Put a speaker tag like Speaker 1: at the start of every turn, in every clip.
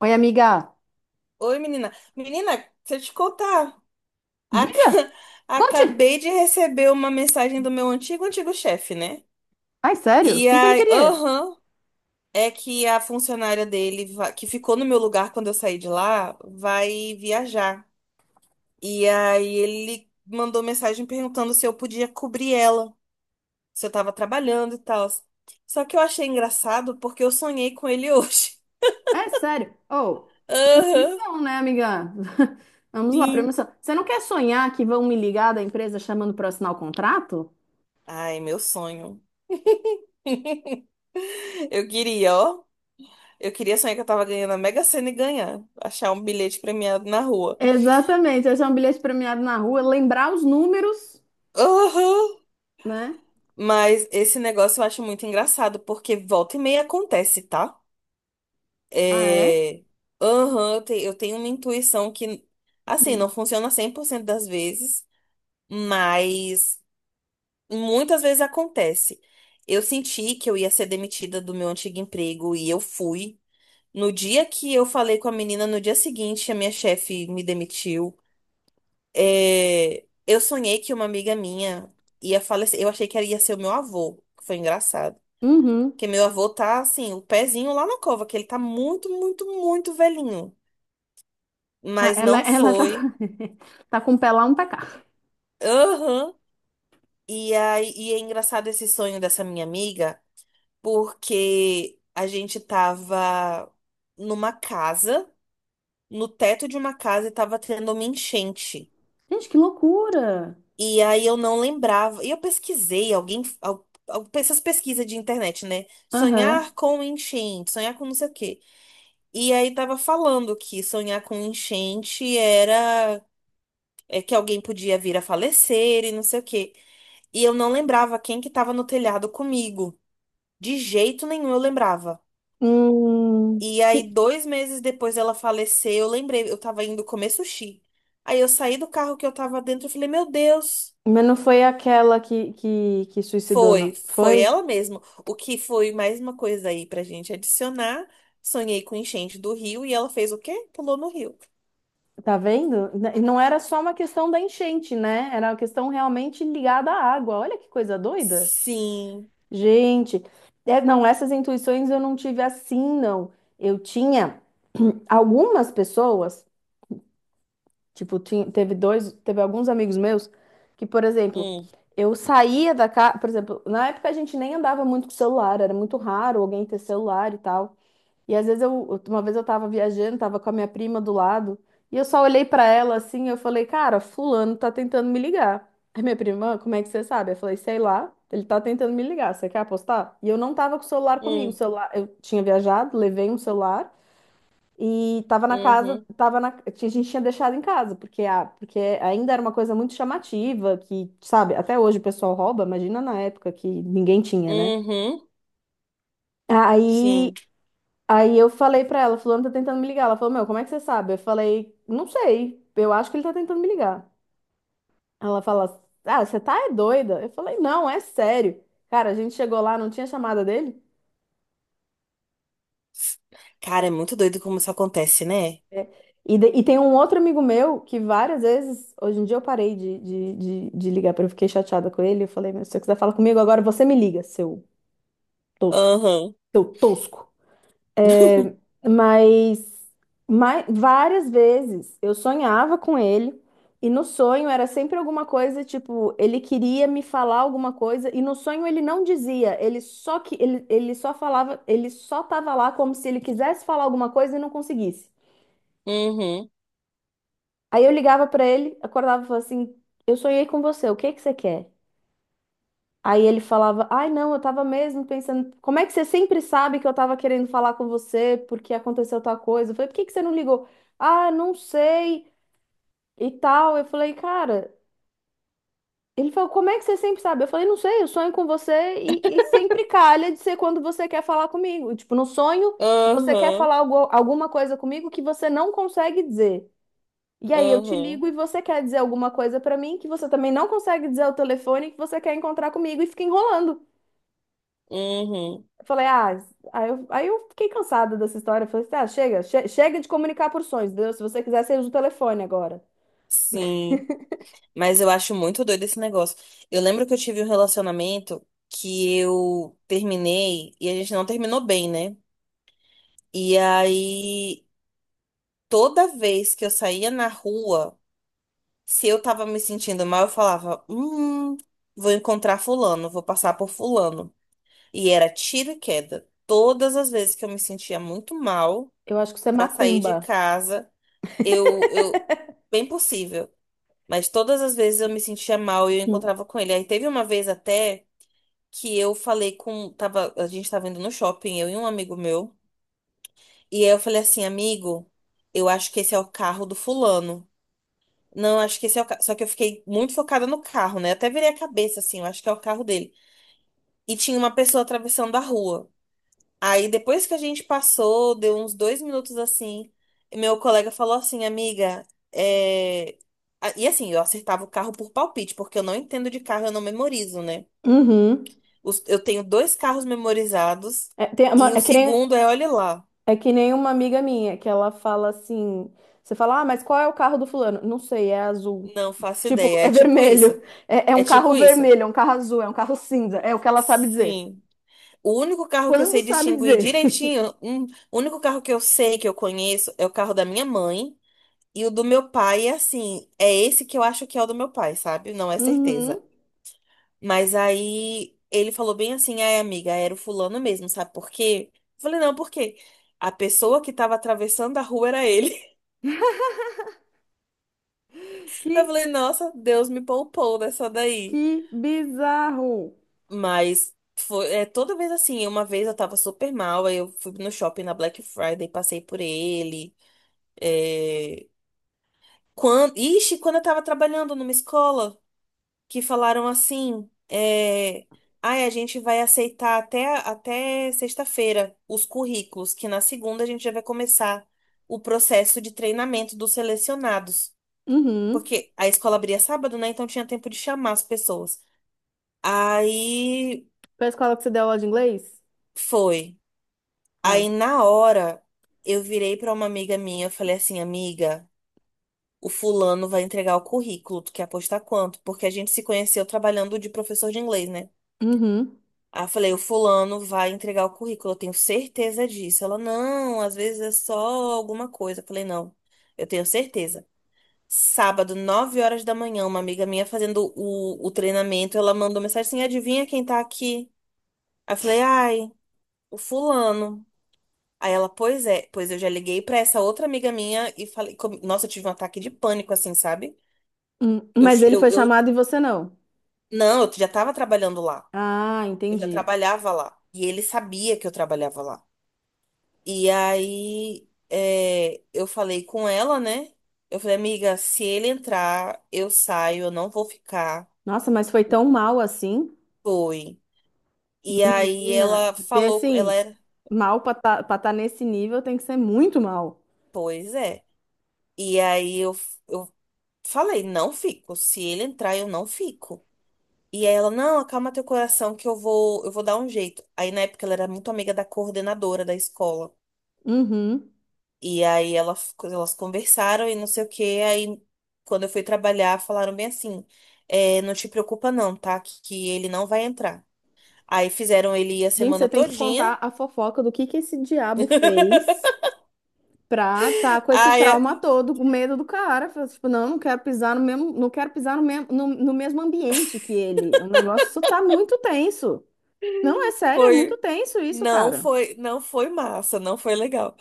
Speaker 1: Oi, amiga.
Speaker 2: Oi, menina. Menina, deixa eu te contar.
Speaker 1: Diga,
Speaker 2: Aca-
Speaker 1: conte.
Speaker 2: Acabei de receber uma mensagem do meu antigo, antigo chefe, né?
Speaker 1: Ai, sério? O
Speaker 2: E
Speaker 1: que que ele
Speaker 2: aí,
Speaker 1: queria?
Speaker 2: aham, é que a funcionária dele, que ficou no meu lugar quando eu saí de lá, vai viajar. E aí ele mandou mensagem perguntando se eu podia cobrir ela, se eu tava trabalhando e tal. Só que eu achei engraçado porque eu sonhei com ele hoje.
Speaker 1: É sério. Oh,
Speaker 2: Aham,
Speaker 1: premonição, né, amiga? Vamos lá,
Speaker 2: sim.
Speaker 1: premonição. Você não quer sonhar que vão me ligar da empresa chamando para assinar o contrato?
Speaker 2: Ai, meu sonho. Eu queria, ó. Eu queria sonhar que eu tava ganhando a Mega Sena e ganhar. Achar um bilhete premiado na rua.
Speaker 1: Exatamente. Achar um bilhete premiado na rua, lembrar os números,
Speaker 2: Aham.
Speaker 1: né?
Speaker 2: Mas esse negócio eu acho muito engraçado, porque volta e meia acontece, tá?
Speaker 1: Ah, é?
Speaker 2: É... Aham, eu tenho uma intuição que, assim, não funciona 100% das vezes, mas muitas vezes acontece. Eu senti que eu ia ser demitida do meu antigo emprego e eu fui. No dia que eu falei com a menina, no dia seguinte, a minha chefe me demitiu. É, eu sonhei que uma amiga minha ia falecer. Eu achei que ela ia ser o meu avô, que foi engraçado.
Speaker 1: Uhum.
Speaker 2: Porque meu avô tá, assim, o pezinho lá na cova, que ele tá muito, muito, muito velhinho.
Speaker 1: Ah,
Speaker 2: Mas
Speaker 1: ela,
Speaker 2: não
Speaker 1: ela tá,
Speaker 2: foi.
Speaker 1: tá com o pé lá, um pé cá.
Speaker 2: Aham. E aí, e é engraçado esse sonho dessa minha amiga, porque a gente tava numa casa, no teto de uma casa, e tava tendo uma enchente.
Speaker 1: Gente, que loucura!
Speaker 2: E aí eu não lembrava. E eu pesquisei, alguém. Essas pesquisas de internet, né?
Speaker 1: Aham.
Speaker 2: Sonhar com enchente, sonhar com não sei o quê. E aí tava falando que sonhar com enchente era que alguém podia vir a falecer e não sei o quê. E eu não lembrava quem que tava no telhado comigo. De jeito nenhum eu lembrava.
Speaker 1: Hum,
Speaker 2: E aí, 2 meses depois dela falecer, eu lembrei, eu tava indo comer sushi. Aí eu saí do carro que eu tava dentro e falei, meu Deus.
Speaker 1: mas não foi aquela que suicidou, não?
Speaker 2: Foi
Speaker 1: Foi?
Speaker 2: ela mesma. O que foi mais uma coisa aí pra gente adicionar. Sonhei com enchente do rio e ela fez o quê? Pulou no rio.
Speaker 1: Tá vendo? E não era só uma questão da enchente, né? Era uma questão realmente ligada à água. Olha que coisa doida.
Speaker 2: Sim.
Speaker 1: Gente, é, não, essas intuições eu não tive assim, não. Eu tinha algumas pessoas, tipo, teve dois, teve alguns amigos meus que, por exemplo,
Speaker 2: Hum,
Speaker 1: eu saía da casa, por exemplo, na época a gente nem andava muito com celular, era muito raro alguém ter celular e tal. E às vezes eu, uma vez eu tava viajando, tava com a minha prima do lado, e eu só olhei pra ela assim, eu falei, cara, fulano tá tentando me ligar. Aí minha prima, "Ah, como é que você sabe? Eu falei, sei lá, ele tá tentando me ligar, você quer apostar? E eu não tava com o celular comigo, o
Speaker 2: hum,
Speaker 1: celular, eu tinha viajado, levei um celular e tava na casa,
Speaker 2: uhum,
Speaker 1: tava na, a gente tinha deixado em casa, porque, a, porque ainda era uma coisa muito chamativa, que, sabe, até hoje o pessoal rouba, imagina na época que ninguém tinha, né?
Speaker 2: uhum,
Speaker 1: Aí
Speaker 2: sim.
Speaker 1: Aí eu falei pra ela, fulano tá tentando me ligar. Ela falou, meu, como é que você sabe? Eu falei, não sei, eu acho que ele tá tentando me ligar. Ela fala, ah, você tá é doida? Eu falei, não, é sério. Cara, a gente chegou lá, não tinha chamada dele.
Speaker 2: Cara, é muito doido como isso acontece, né?
Speaker 1: É. E, e tem um outro amigo meu que várias vezes, hoje em dia eu parei de ligar, porque eu fiquei chateada com ele. Eu falei, meu, se você quiser falar comigo agora, você me liga, seu tosco,
Speaker 2: Aham.
Speaker 1: seu tosco. Mas, várias vezes eu sonhava com ele, e no sonho era sempre alguma coisa, tipo, ele queria me falar alguma coisa, e no sonho ele não dizia, ele só falava, ele só tava lá como se ele quisesse falar alguma coisa e não conseguisse.
Speaker 2: Uhum,
Speaker 1: Aí eu ligava pra ele, acordava e falava assim: Eu sonhei com você, o que que você quer? Aí ele falava: Ai, não, eu tava mesmo pensando, como é que você sempre sabe que eu tava querendo falar com você porque aconteceu tal coisa? Eu falei: Por que que você não ligou? Ah, não sei e tal. Eu falei: Cara, ele falou: Como é que você sempre sabe? Eu falei: Não sei, eu sonho com você e sempre calha de ser quando você quer falar comigo. Tipo, no sonho, você quer
Speaker 2: aham,
Speaker 1: falar algo, alguma coisa comigo que você não consegue dizer. E aí eu te
Speaker 2: aham,
Speaker 1: ligo e você quer dizer alguma coisa pra mim que você também não consegue dizer ao telefone e que você quer encontrar comigo e fica enrolando.
Speaker 2: uhum,
Speaker 1: Eu falei, ah, aí eu fiquei cansada dessa história. Eu falei, assim, ah, chega, chega de comunicar por sonhos, entendeu? Se você quiser, você usa o telefone agora.
Speaker 2: sim. Mas eu acho muito doido esse negócio. Eu lembro que eu tive um relacionamento que eu terminei e a gente não terminou bem, né? E aí, toda vez que eu saía na rua, se eu tava me sentindo mal, eu falava: hum, vou encontrar fulano, vou passar por fulano. E era tiro e queda. Todas as vezes que eu me sentia muito mal
Speaker 1: Eu acho que isso é
Speaker 2: pra sair de
Speaker 1: macumba.
Speaker 2: casa, eu, eu, bem possível, mas todas as vezes eu me sentia mal e eu
Speaker 1: Hum.
Speaker 2: encontrava com ele. Aí teve uma vez até que eu falei tava, a gente tava indo no shopping, eu e um amigo meu. E aí eu falei assim, amigo, eu acho que esse é o carro do fulano. Não, acho que esse é o carro. Só que eu fiquei muito focada no carro, né? Eu até virei a cabeça assim, eu acho que é o carro dele. E tinha uma pessoa atravessando a rua. Aí depois que a gente passou, deu uns 2 minutos assim, e meu colega falou assim, amiga, é... ah, e assim, eu acertava o carro por palpite, porque eu não entendo de carro, eu não memorizo, né?
Speaker 1: Uhum.
Speaker 2: Eu tenho dois carros memorizados
Speaker 1: É,
Speaker 2: e o segundo é, olha lá,
Speaker 1: é que nem uma amiga minha, que ela fala assim: você fala, ah, mas qual é o carro do fulano? Não sei, é azul.
Speaker 2: não faço
Speaker 1: Tipo,
Speaker 2: ideia,
Speaker 1: é
Speaker 2: é tipo isso.
Speaker 1: vermelho. É, é
Speaker 2: É
Speaker 1: um
Speaker 2: tipo
Speaker 1: carro
Speaker 2: isso.
Speaker 1: vermelho, é um carro azul, é um carro cinza. É o que ela sabe dizer.
Speaker 2: Sim. O único carro que eu
Speaker 1: Quando
Speaker 2: sei
Speaker 1: sabe
Speaker 2: distinguir
Speaker 1: dizer?
Speaker 2: direitinho, o único carro que eu sei que eu conheço é o carro da minha mãe e o do meu pai, é assim, é esse que eu acho que é o do meu pai, sabe? Não é certeza.
Speaker 1: Uhum.
Speaker 2: Mas aí ele falou bem assim, ai amiga, era o fulano mesmo, sabe por quê? Eu falei, não, por quê? A pessoa que tava atravessando a rua era ele. Eu
Speaker 1: Que,
Speaker 2: falei, nossa, Deus me poupou dessa daí.
Speaker 1: que bizarro.
Speaker 2: Mas foi, é toda vez assim. Uma vez eu tava super mal, aí eu fui no shopping na Black Friday, passei por ele. É... Ixi, quando eu tava trabalhando numa escola, que falaram assim: ai, a gente vai aceitar até sexta-feira os currículos, que na segunda a gente já vai começar o processo de treinamento dos selecionados.
Speaker 1: Uhum.
Speaker 2: Porque a escola abria sábado, né? Então tinha tempo de chamar as pessoas. Aí
Speaker 1: Foi a escola que você deu aula de inglês?
Speaker 2: foi.
Speaker 1: Ah.
Speaker 2: Aí na hora eu virei pra uma amiga minha, eu falei assim, amiga, o fulano vai entregar o currículo, tu quer apostar quanto? Porque a gente se conheceu trabalhando de professor de inglês, né?
Speaker 1: Uhum.
Speaker 2: Aí eu falei, o fulano vai entregar o currículo, eu tenho certeza disso. Ela, não, às vezes é só alguma coisa. Eu falei, não, eu tenho certeza. Sábado, 9h da manhã, uma amiga minha fazendo o treinamento, ela mandou mensagem assim, adivinha quem tá aqui? Aí eu falei, ai, o fulano. Aí ela, pois é, pois eu já liguei pra essa outra amiga minha e falei, nossa, eu tive um ataque de pânico, assim, sabe? Eu,
Speaker 1: Mas ele
Speaker 2: eu,
Speaker 1: foi
Speaker 2: eu,
Speaker 1: chamado e você não.
Speaker 2: não, eu já tava trabalhando lá,
Speaker 1: Ah,
Speaker 2: eu já
Speaker 1: entendi.
Speaker 2: trabalhava lá, e ele sabia que eu trabalhava lá. E aí, é, eu falei com ela, né? Eu falei, amiga, se ele entrar, eu saio, eu não vou ficar.
Speaker 1: Nossa, mas foi tão mal assim?
Speaker 2: Foi. E aí
Speaker 1: Menina,
Speaker 2: ela
Speaker 1: porque
Speaker 2: falou,
Speaker 1: assim, mal pra estar nesse nível tem que ser muito mal.
Speaker 2: pois é. E aí eu falei, não fico, se ele entrar, eu não fico. E aí ela, não, acalma teu coração que eu vou dar um jeito. Aí na época ela era muito amiga da coordenadora da escola.
Speaker 1: Uhum.
Speaker 2: E aí elas conversaram e não sei o quê. Aí quando eu fui trabalhar, falaram bem assim: é, não te preocupa não, tá? Que ele não vai entrar. Aí fizeram ele ir a
Speaker 1: Gente,
Speaker 2: semana
Speaker 1: você tem que
Speaker 2: todinha.
Speaker 1: contar a fofoca do que esse diabo fez pra tá com esse
Speaker 2: Aí
Speaker 1: trauma todo, com medo do cara. Fala, tipo, não, não quero pisar no mesmo, não quero pisar no mesmo, no, no mesmo ambiente que ele. O negócio isso tá muito tenso. Não, é sério, é muito
Speaker 2: foi,
Speaker 1: tenso isso,
Speaker 2: não
Speaker 1: cara.
Speaker 2: foi, não foi massa, não foi legal.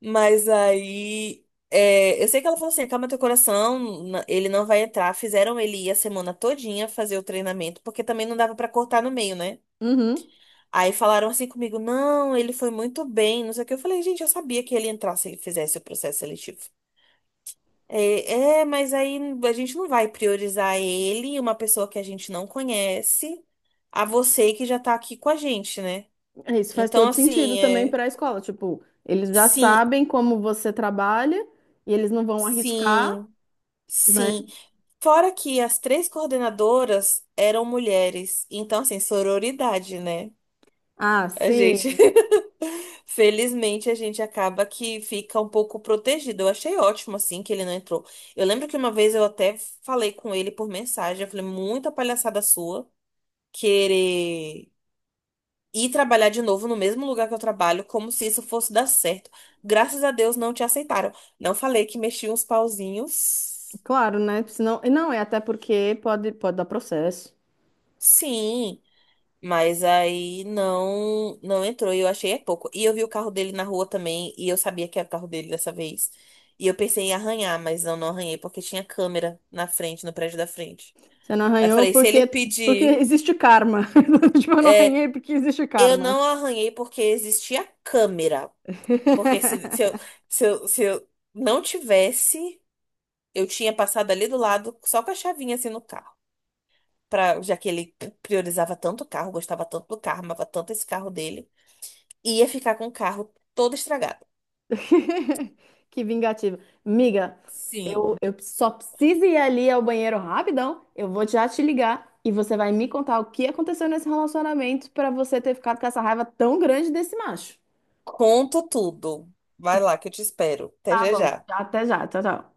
Speaker 2: Mas aí. Eu sei que ela falou assim: acalma teu coração, ele não vai entrar. Fizeram ele ir a semana todinha fazer o treinamento, porque também não dava pra cortar no meio, né?
Speaker 1: Uhum.
Speaker 2: Aí falaram assim comigo: não, ele foi muito bem, não sei o que. Eu falei: gente, eu sabia que ele entrasse se ele fizesse o processo seletivo. Mas aí a gente não vai priorizar ele, uma pessoa que a gente não conhece, a você que já tá aqui com a gente, né?
Speaker 1: É, isso faz
Speaker 2: Então,
Speaker 1: todo sentido
Speaker 2: assim,
Speaker 1: também
Speaker 2: é,
Speaker 1: para a escola. Tipo, eles já
Speaker 2: sim,
Speaker 1: sabem como você trabalha e eles não vão arriscar,
Speaker 2: sim.
Speaker 1: né?
Speaker 2: Sim. Fora que as três coordenadoras eram mulheres. Então, assim, sororidade, né?
Speaker 1: Ah,
Speaker 2: A
Speaker 1: sim,
Speaker 2: gente. Felizmente, a gente acaba que fica um pouco protegido. Eu achei ótimo, assim, que ele não entrou. Eu lembro que uma vez eu até falei com ele por mensagem. Eu falei, muita palhaçada sua querer ir trabalhar de novo no mesmo lugar que eu trabalho, como se isso fosse dar certo. Graças a Deus não te aceitaram. Não falei que mexi uns pauzinhos.
Speaker 1: claro, né? Senão, e não, é até porque pode, pode dar processo.
Speaker 2: Sim. Mas aí não entrou e eu achei é pouco. E eu vi o carro dele na rua também e eu sabia que era o carro dele dessa vez. E eu pensei em arranhar, mas eu não arranhei porque tinha câmera na frente, no prédio da frente.
Speaker 1: Você não
Speaker 2: Aí eu
Speaker 1: arranhou
Speaker 2: falei, se
Speaker 1: porque,
Speaker 2: ele
Speaker 1: porque
Speaker 2: pedir,
Speaker 1: existe karma. Tipo, eu não
Speaker 2: é,
Speaker 1: arranhei porque existe
Speaker 2: eu
Speaker 1: karma.
Speaker 2: não arranhei porque existia câmera. Porque se, se eu, se eu, se eu não tivesse, eu tinha passado ali do lado só com a chavinha assim no carro. Pra, já que ele priorizava tanto o carro, gostava tanto do carro, amava tanto esse carro dele. Ia ficar com o carro todo estragado.
Speaker 1: Que vingativo. Miga,
Speaker 2: Sim.
Speaker 1: eu só preciso ir ali ao banheiro rapidão. Eu vou já te ligar e você vai me contar o que aconteceu nesse relacionamento para você ter ficado com essa raiva tão grande desse macho.
Speaker 2: Conto tudo. Vai lá que eu te espero. Até
Speaker 1: Tá
Speaker 2: já
Speaker 1: bom.
Speaker 2: já.
Speaker 1: Até já. Tchau, tchau.